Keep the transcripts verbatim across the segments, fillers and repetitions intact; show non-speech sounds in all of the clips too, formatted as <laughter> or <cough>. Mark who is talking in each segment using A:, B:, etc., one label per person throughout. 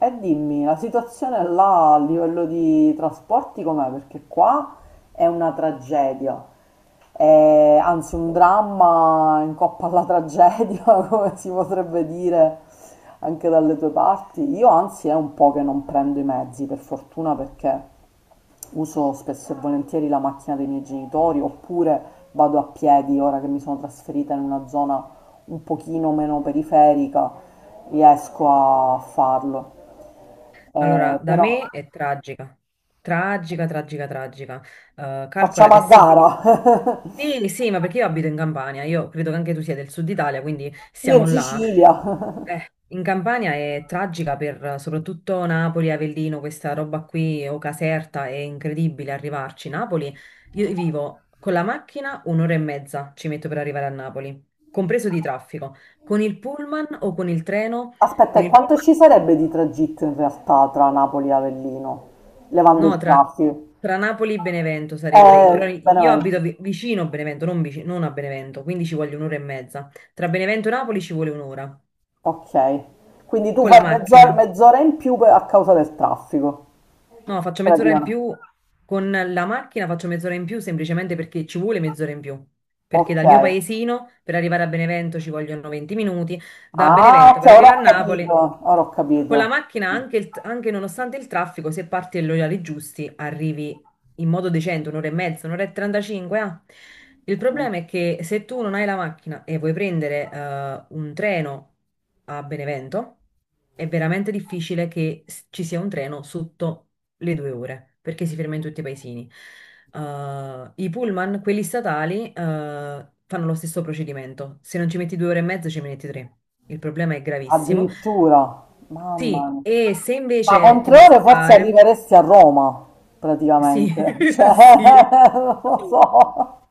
A: E dimmi, la situazione là a livello di trasporti com'è? Perché qua è una tragedia. Eh, anzi un dramma in coppa alla tragedia, <laughs> come si potrebbe dire anche dalle tue parti. Io anzi è un po' che non prendo i mezzi, per fortuna perché... Uso spesso e volentieri la macchina dei miei genitori oppure vado a piedi, ora che mi sono trasferita in una zona un pochino meno periferica, riesco a farlo.
B: Allora,
A: Eh,
B: da
A: però
B: me è tragica, tragica, tragica, tragica. Eh, calcola
A: facciamo
B: che
A: a
B: se devi...
A: gara.
B: Sì, sì, ma perché io abito in Campania, io credo che anche tu sia del sud Italia, quindi
A: <laughs> Io in
B: siamo là.
A: Sicilia.
B: Eh, in Campania è tragica per eh, soprattutto Napoli, Avellino, questa roba qui, o Caserta, è incredibile arrivarci. Napoli, io vivo con la macchina un'ora e mezza ci metto per arrivare a Napoli, compreso di traffico. Con il pullman o con il treno?
A: Aspetta,
B: Con
A: e
B: il
A: quanto
B: pullman...
A: ci sarebbe di tragitto in realtà tra Napoli e Avellino, levando
B: No,
A: il
B: tra,
A: traffico?
B: tra Napoli e Benevento sarebbe, però
A: Eh,
B: io
A: Benevento.
B: abito vi- vicino a Benevento, non, vici- non a Benevento, quindi ci voglio un'ora e mezza. Tra Benevento e Napoli ci vuole un'ora
A: Ok. Quindi tu
B: con
A: fai
B: la
A: mezz'ora
B: macchina.
A: mezz'ora in più per- a causa del traffico,
B: No, faccio mezz'ora in
A: praticamente.
B: più con la macchina, faccio mezz'ora in più semplicemente perché ci vuole mezz'ora in più. Perché dal mio
A: Okay.
B: paesino per arrivare a Benevento ci vogliono venti minuti, da
A: Ah,
B: Benevento per
A: okay, ora
B: arrivare
A: ho
B: a
A: capito,
B: Napoli.
A: ora ho
B: Con la
A: capito.
B: macchina, anche, il- anche nonostante il traffico, se parti agli orari giusti, arrivi in modo decente, un'ora e mezza, un'ora e trentacinque. Ah. Il
A: Okay.
B: problema è che se tu non hai la macchina e vuoi prendere eh, un treno a Benevento, è veramente difficile che s- ci sia un treno sotto le due ore, perché si ferma in tutti i paesini. Uh, I pullman, quelli statali, uh, fanno lo stesso procedimento. Se non ci metti due ore e mezza, ci metti tre. Il problema è gravissimo.
A: Addirittura, mamma
B: Sì,
A: mia.
B: e se
A: Ma
B: invece
A: con
B: ti vuoi
A: tre ore forse
B: salvare,
A: arriveresti a Roma,
B: sì,
A: praticamente.
B: <laughs>
A: Cioè,
B: sì.
A: <laughs> non lo so,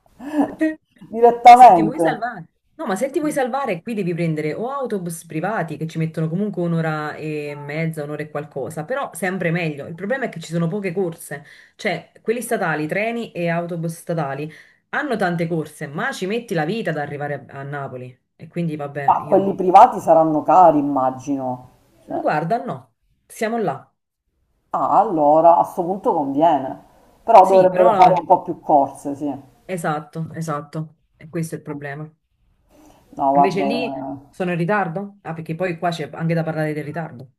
B: Se ti vuoi
A: direttamente.
B: salvare, no, ma se ti vuoi salvare, qui devi prendere o autobus privati che ci mettono comunque un'ora e mezza, un'ora e qualcosa, però sempre meglio. Il problema è che ci sono poche corse, cioè quelli statali, treni e autobus statali hanno tante corse, ma ci metti la vita ad arrivare a, a Napoli. E quindi vabbè,
A: Ma quelli
B: io
A: privati saranno cari, immagino. Cioè,
B: guarda, no, siamo là.
A: ah, allora, a sto punto conviene. Però
B: Sì,
A: dovrebbero fare
B: però
A: un po' più corse, sì.
B: esatto, esatto, e questo è il problema.
A: No,
B: Invece
A: guarda,
B: lì
A: eh,
B: sono in ritardo? Ah, perché poi qua c'è anche da parlare del ritardo.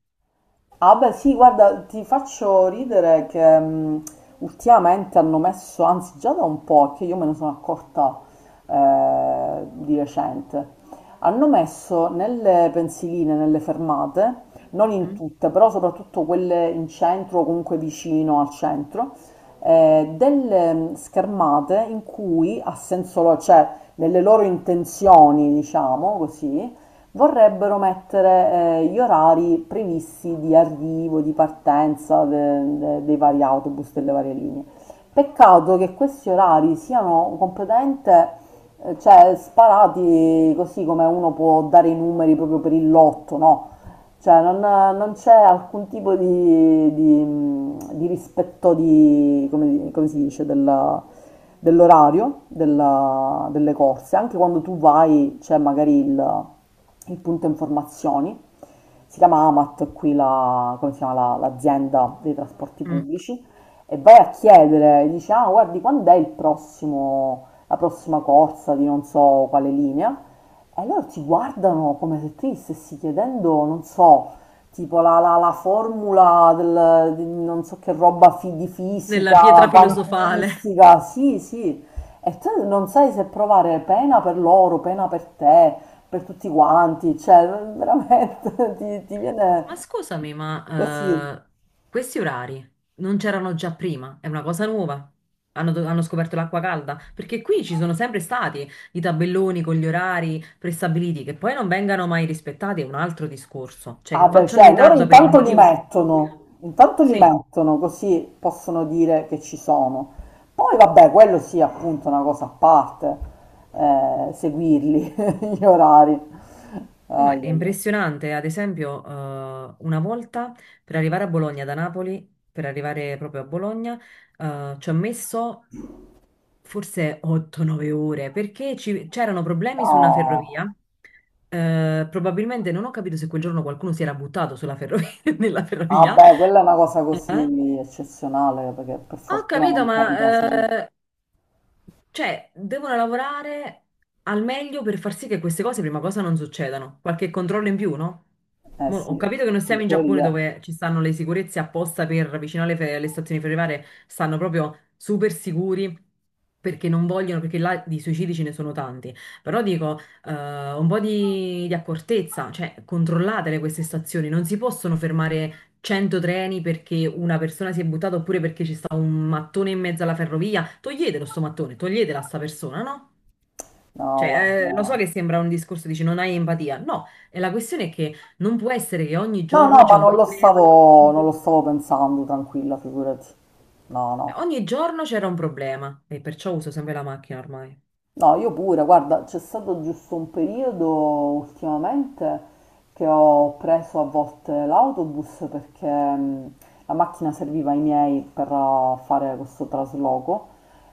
A: ah beh sì, guarda, ti faccio ridere che mh, ultimamente hanno messo, anzi già da un po', che io me ne sono accorta eh, di recente, hanno messo nelle pensiline, nelle fermate, non in
B: Mm,
A: tutte, però soprattutto quelle in centro o comunque vicino al centro, eh, delle mh, schermate in cui, a senso, lo- cioè nelle loro intenzioni, diciamo così, vorrebbero mettere eh, gli orari previsti di arrivo, di partenza de- de- dei vari autobus, delle varie linee. Peccato che questi orari siano completamente, eh, cioè, sparati così come uno può dare i numeri proprio per il lotto, no? Cioè, non, non c'è alcun tipo di, di- di rispetto di, come, come si dice, della- dell'orario della- delle corse. Anche quando tu vai, c'è magari il il punto informazioni, si chiama AMAT qui la- come si chiama la- l'azienda dei trasporti
B: mm.
A: pubblici e vai a chiedere, dici ah guardi quando è il prossimo, la prossima corsa di non so quale linea e loro ti guardano come se tu gli stessi chiedendo, non so, tipo la, la- la formula del, di non so che roba fi- di
B: Nella
A: fisica,
B: pietra filosofale.
A: quantistica, sì sì, e tu non sai se provare pena per loro, pena per te per tutti quanti, cioè veramente <laughs> ti, ti
B: <laughs> Ma
A: viene
B: scusami,
A: così.
B: ma eh, questi orari non c'erano già prima? È una cosa nuova? Hanno, do- hanno scoperto l'acqua calda? Perché qui ci sono sempre stati i tabelloni con gli orari prestabiliti, che poi non vengano mai rispettati è un altro discorso. Cioè,
A: Ah
B: che
A: beh,
B: facciano
A: cioè loro
B: ritardo per il
A: intanto li
B: motivo più stupido.
A: mettono, intanto li
B: Sì.
A: mettono così possono dire che ci sono. Poi vabbè, quello sì, appunto, è una cosa a parte, eh, seguirli, <laughs> gli orari.
B: No,
A: Ai,
B: ma è
A: ai, ai.
B: impressionante, ad esempio, eh, una volta per arrivare a Bologna da Napoli, per arrivare proprio a Bologna, eh, ci ho messo forse otto nove ore perché ci- c'erano problemi su una
A: No,
B: ferrovia. Eh, probabilmente non ho capito se quel giorno qualcuno si era buttato sulla ferrovia, <laughs> nella ferrovia.
A: vabbè, quella è una cosa
B: Eh?
A: così eccezionale, perché per
B: Ho
A: fortuna
B: capito,
A: non capita sempre.
B: ma eh, cioè, devono lavorare al meglio per far sì che queste cose, prima cosa, non succedano. Qualche controllo in più, no?
A: Eh
B: Mo-
A: sì,
B: ho capito che non
A: in
B: siamo in Giappone
A: teoria.
B: dove ci stanno le sicurezze apposta per vicino alle, fe- alle stazioni ferroviarie, stanno proprio super sicuri perché non vogliono, perché là di suicidi ce ne sono tanti. Però dico, eh, un po' di, di accortezza, cioè controllatele queste stazioni, non si possono fermare cento treni perché una persona si è buttata oppure perché ci sta un mattone in mezzo alla ferrovia, toglietelo sto mattone, toglietela a sta persona, no?
A: No, guarda,
B: Cioè, eh, lo so
A: no.
B: che sembra un discorso, dici non hai empatia. No, e la questione è che non può essere che ogni
A: No, no,
B: giorno c'è
A: ma
B: un
A: non lo
B: problema.
A: stavo,
B: Eh,
A: non lo stavo pensando, tranquilla, figurati. No, no.
B: Ogni giorno c'era un problema e perciò uso sempre la macchina ormai.
A: No, io pure, guarda, c'è stato giusto un periodo ultimamente che ho preso a volte l'autobus perché mh, la macchina serviva ai miei per eh, fare questo trasloco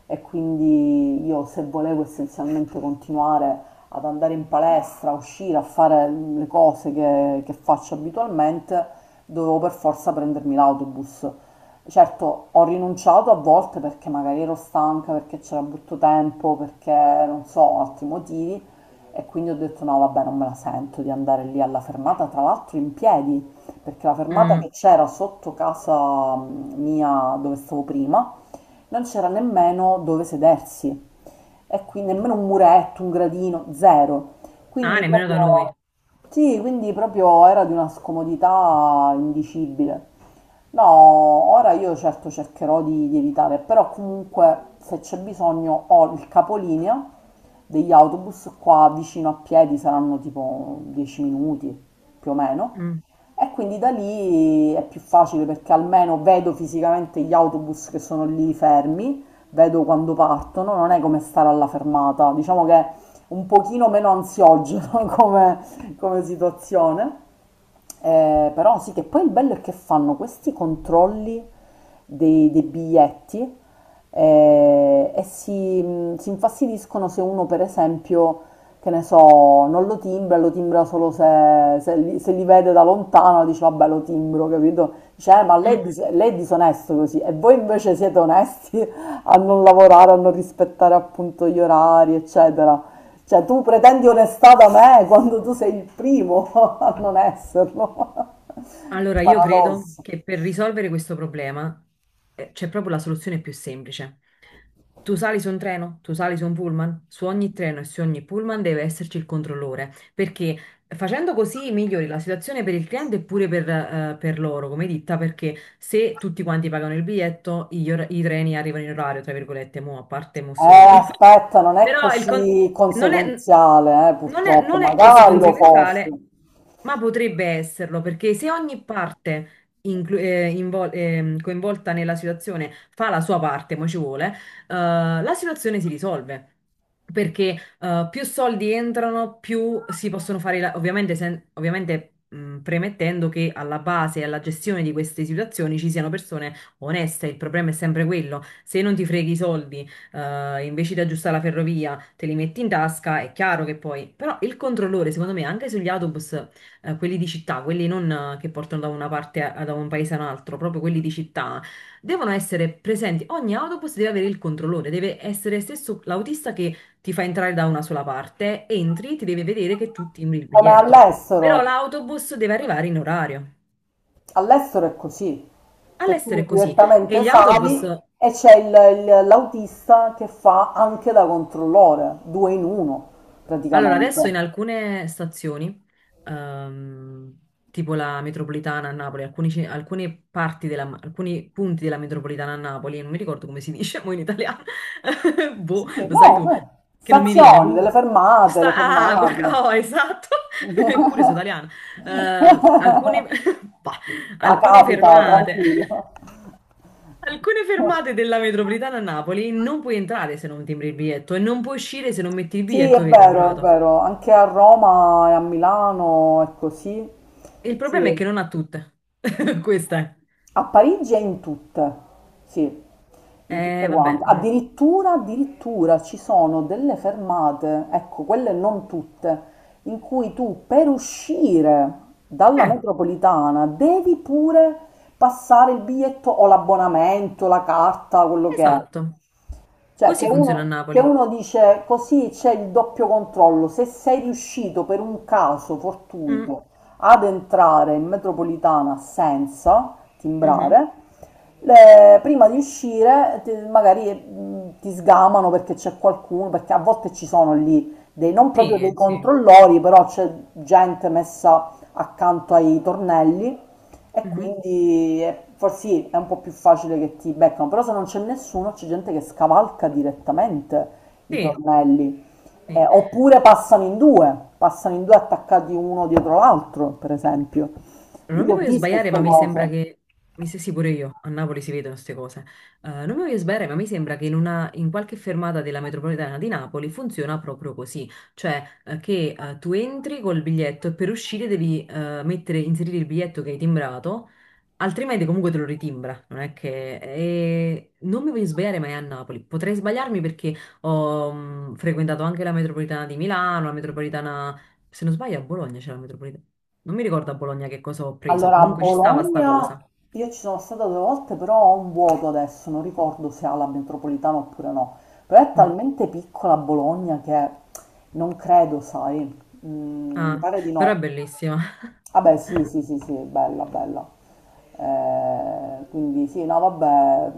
A: e quindi io se volevo essenzialmente continuare ad andare in palestra, a uscire, a fare le cose che che faccio abitualmente, dovevo per forza prendermi l'autobus. Certo, ho rinunciato a volte perché magari ero stanca, perché c'era brutto tempo, perché non so, altri motivi e quindi ho detto no, vabbè, non me la sento di andare lì alla fermata, tra l'altro in piedi, perché la fermata
B: Mm.
A: che c'era sotto casa mia dove stavo prima, non c'era nemmeno dove sedersi e quindi nemmeno un muretto, un gradino, zero.
B: Ah,
A: Quindi
B: nemmeno da noi.
A: proprio, sì, quindi proprio era di una scomodità indicibile. No, ora io certo cercherò di, di evitare, però comunque se c'è bisogno ho il capolinea degli autobus qua vicino a piedi, saranno tipo dieci minuti più o meno,
B: Mm.
A: e quindi da lì è più facile perché almeno vedo fisicamente gli autobus che sono lì fermi, vedo quando partono, non è come stare alla fermata, diciamo che è un pochino meno ansiogeno <laughs> come, come situazione. Eh, però sì, che poi il bello è che fanno questi controlli dei, dei biglietti eh, e si, mh, si infastidiscono se uno, per esempio, che ne so, non lo timbra, lo timbra solo se, se li, se li vede da lontano, dice vabbè lo timbro, capito? Dice, eh, ma
B: Mm,
A: lei, è dis-
B: mm.
A: lei è disonesto così e voi invece siete onesti <laughs> a non lavorare, a non rispettare appunto gli orari, eccetera. Cioè tu pretendi onestà da me quando tu sei il primo <laughs> a non esserlo.
B: Allora, io credo
A: Paradosso.
B: che per risolvere questo problema eh, c'è proprio la soluzione più semplice. Tu sali su un treno, tu sali su un pullman, su ogni treno e su ogni pullman deve esserci il controllore, perché facendo così migliori la situazione per il cliente e pure per, eh, per loro come ditta, perché se tutti quanti pagano il biglietto, gli or- i treni arrivano in orario, tra virgolette, mo, a parte
A: Eh,
B: Mussolini.
A: aspetta, non
B: <laughs>
A: è
B: Però il con-
A: così
B: non è,
A: conseguenziale, eh,
B: non è-
A: purtroppo,
B: non è così
A: magari lo fosse.
B: conseguenziale, ma potrebbe esserlo, perché se ogni parte inclu- eh, invol- ehm, coinvolta nella situazione fa la sua parte, mo ci vuole, eh, la situazione si risolve. Perché eh, più soldi entrano, più si possono fare, la- ovviamente, sen- ovviamente mh, premettendo che alla base e alla gestione di queste situazioni ci siano persone oneste, il problema è sempre quello. Se non ti freghi i soldi eh, invece di aggiustare la ferrovia, te li metti in tasca, è chiaro che poi... Però il controllore, secondo me, anche sugli autobus, eh, quelli di città, quelli non eh, che portano da una parte, a- da un paese a un altro, proprio quelli di città, devono essere presenti. Ogni autobus deve avere il controllore, deve essere stesso l'autista che ti fa entrare da una sola parte, entri, ti deve vedere che tu timbri il
A: Come
B: biglietto. Però
A: all'estero.
B: l'autobus deve arrivare in orario.
A: All'estero è così, che
B: All'estero
A: tu
B: è così. E
A: direttamente
B: gli autobus.
A: sali e c'è il- il- l'autista che fa anche da controllore, due in uno
B: Allora,
A: praticamente.
B: adesso in alcune stazioni, ehm, tipo la metropolitana a Napoli, alcuni, ce- alcune parti della, alcuni punti della metropolitana a Napoli, non mi ricordo come si <laughs> dice mo in italiano, <laughs> boh,
A: Sì,
B: lo sai
A: no,
B: tu,
A: eh,
B: che non mi viene.
A: stazioni, delle
B: Comunque,
A: fermate, le
B: sta, ah,
A: fermate.
B: guarda- oh, esatto, <laughs> eppure sono italiana. Eh, alcune,
A: <laughs>
B: <laughs> bah,
A: Ah,
B: alcune
A: capita,
B: fermate.
A: tranquillo.
B: <laughs> Alcune fermate della metropolitana a Napoli non puoi entrare se non timbri il biglietto e non puoi uscire se non metti il
A: Sì, è
B: biglietto che è
A: vero, è
B: timbrato.
A: vero, anche a Roma e a Milano è così.
B: Il problema
A: Sì.
B: è che non ha tutte. <laughs> Questa
A: A Parigi e in tutte, sì, in
B: è.
A: tutte
B: Eh, vabbè.
A: quante.
B: Mm.
A: Addirittura, addirittura ci sono delle fermate, ecco, quelle non tutte, in cui tu per uscire dalla
B: Eh,
A: metropolitana devi pure passare il biglietto o l'abbonamento, la carta, quello che è.
B: esatto.
A: Cioè,
B: Così
A: che
B: funziona a
A: uno, che
B: Napoli.
A: uno dice così c'è il doppio controllo. Se sei riuscito per un caso
B: Mm,
A: fortuito ad entrare in metropolitana senza
B: mhm.
A: timbrare, le- prima di uscire ti- magari mh, ti sgamano perché c'è qualcuno, perché a volte ci sono lì dei, non proprio dei
B: Sì, sì.
A: controllori, però c'è gente messa accanto ai tornelli e
B: Mhm.
A: quindi è- forse sì, è un po' più facile che ti beccano, però se non c'è nessuno c'è gente che scavalca direttamente i
B: Sì,
A: tornelli. Eh,
B: sì.
A: oppure passano in due, passano in due attaccati uno dietro l'altro, per esempio. Io
B: Non
A: le
B: mi
A: ho
B: voglio
A: viste
B: sbagliare, ma
A: queste
B: mi sembra
A: cose.
B: che, mi se sì pure io, a Napoli si vedono queste cose. Eh, non mi voglio sbagliare, ma mi sembra che in, una, in qualche fermata della metropolitana di Napoli funziona proprio così, cioè eh, che eh, tu entri col biglietto e per uscire devi eh, mettere, inserire il biglietto che hai timbrato, altrimenti comunque te lo ritimbra, non è che... E non mi voglio sbagliare, ma è a Napoli, potrei sbagliarmi perché ho mm, frequentato anche la metropolitana di Milano, la metropolitana se non sbaglio a Bologna c'era la metropolitana. Non mi ricordo a Bologna che cosa ho preso,
A: Allora, a
B: comunque ci stava sta
A: Bologna
B: cosa.
A: io ci sono stata due volte, però ho un vuoto adesso, non ricordo se ha la metropolitana oppure no. Però è
B: Mm.
A: talmente piccola Bologna che non credo, sai, mm, mi
B: Ah,
A: pare di
B: però è
A: no.
B: bellissima.
A: Vabbè, sì, sì, sì, sì, bella, bella. Eh, quindi sì, no, vabbè,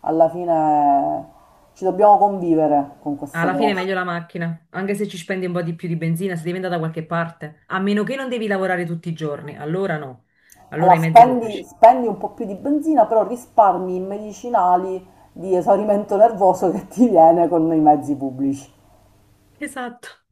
A: alla fine ci dobbiamo convivere con queste
B: Alla fine è
A: cose.
B: meglio la macchina, anche se ci spendi un po' di più di benzina, se devi andare da qualche parte, a meno che non devi lavorare tutti i giorni, allora no,
A: Allora,
B: allora i mezzi
A: spendi,
B: pubblici.
A: spendi un po' più di benzina, però risparmi i medicinali di esaurimento nervoso <laughs> che ti viene con i mezzi pubblici.
B: Esatto.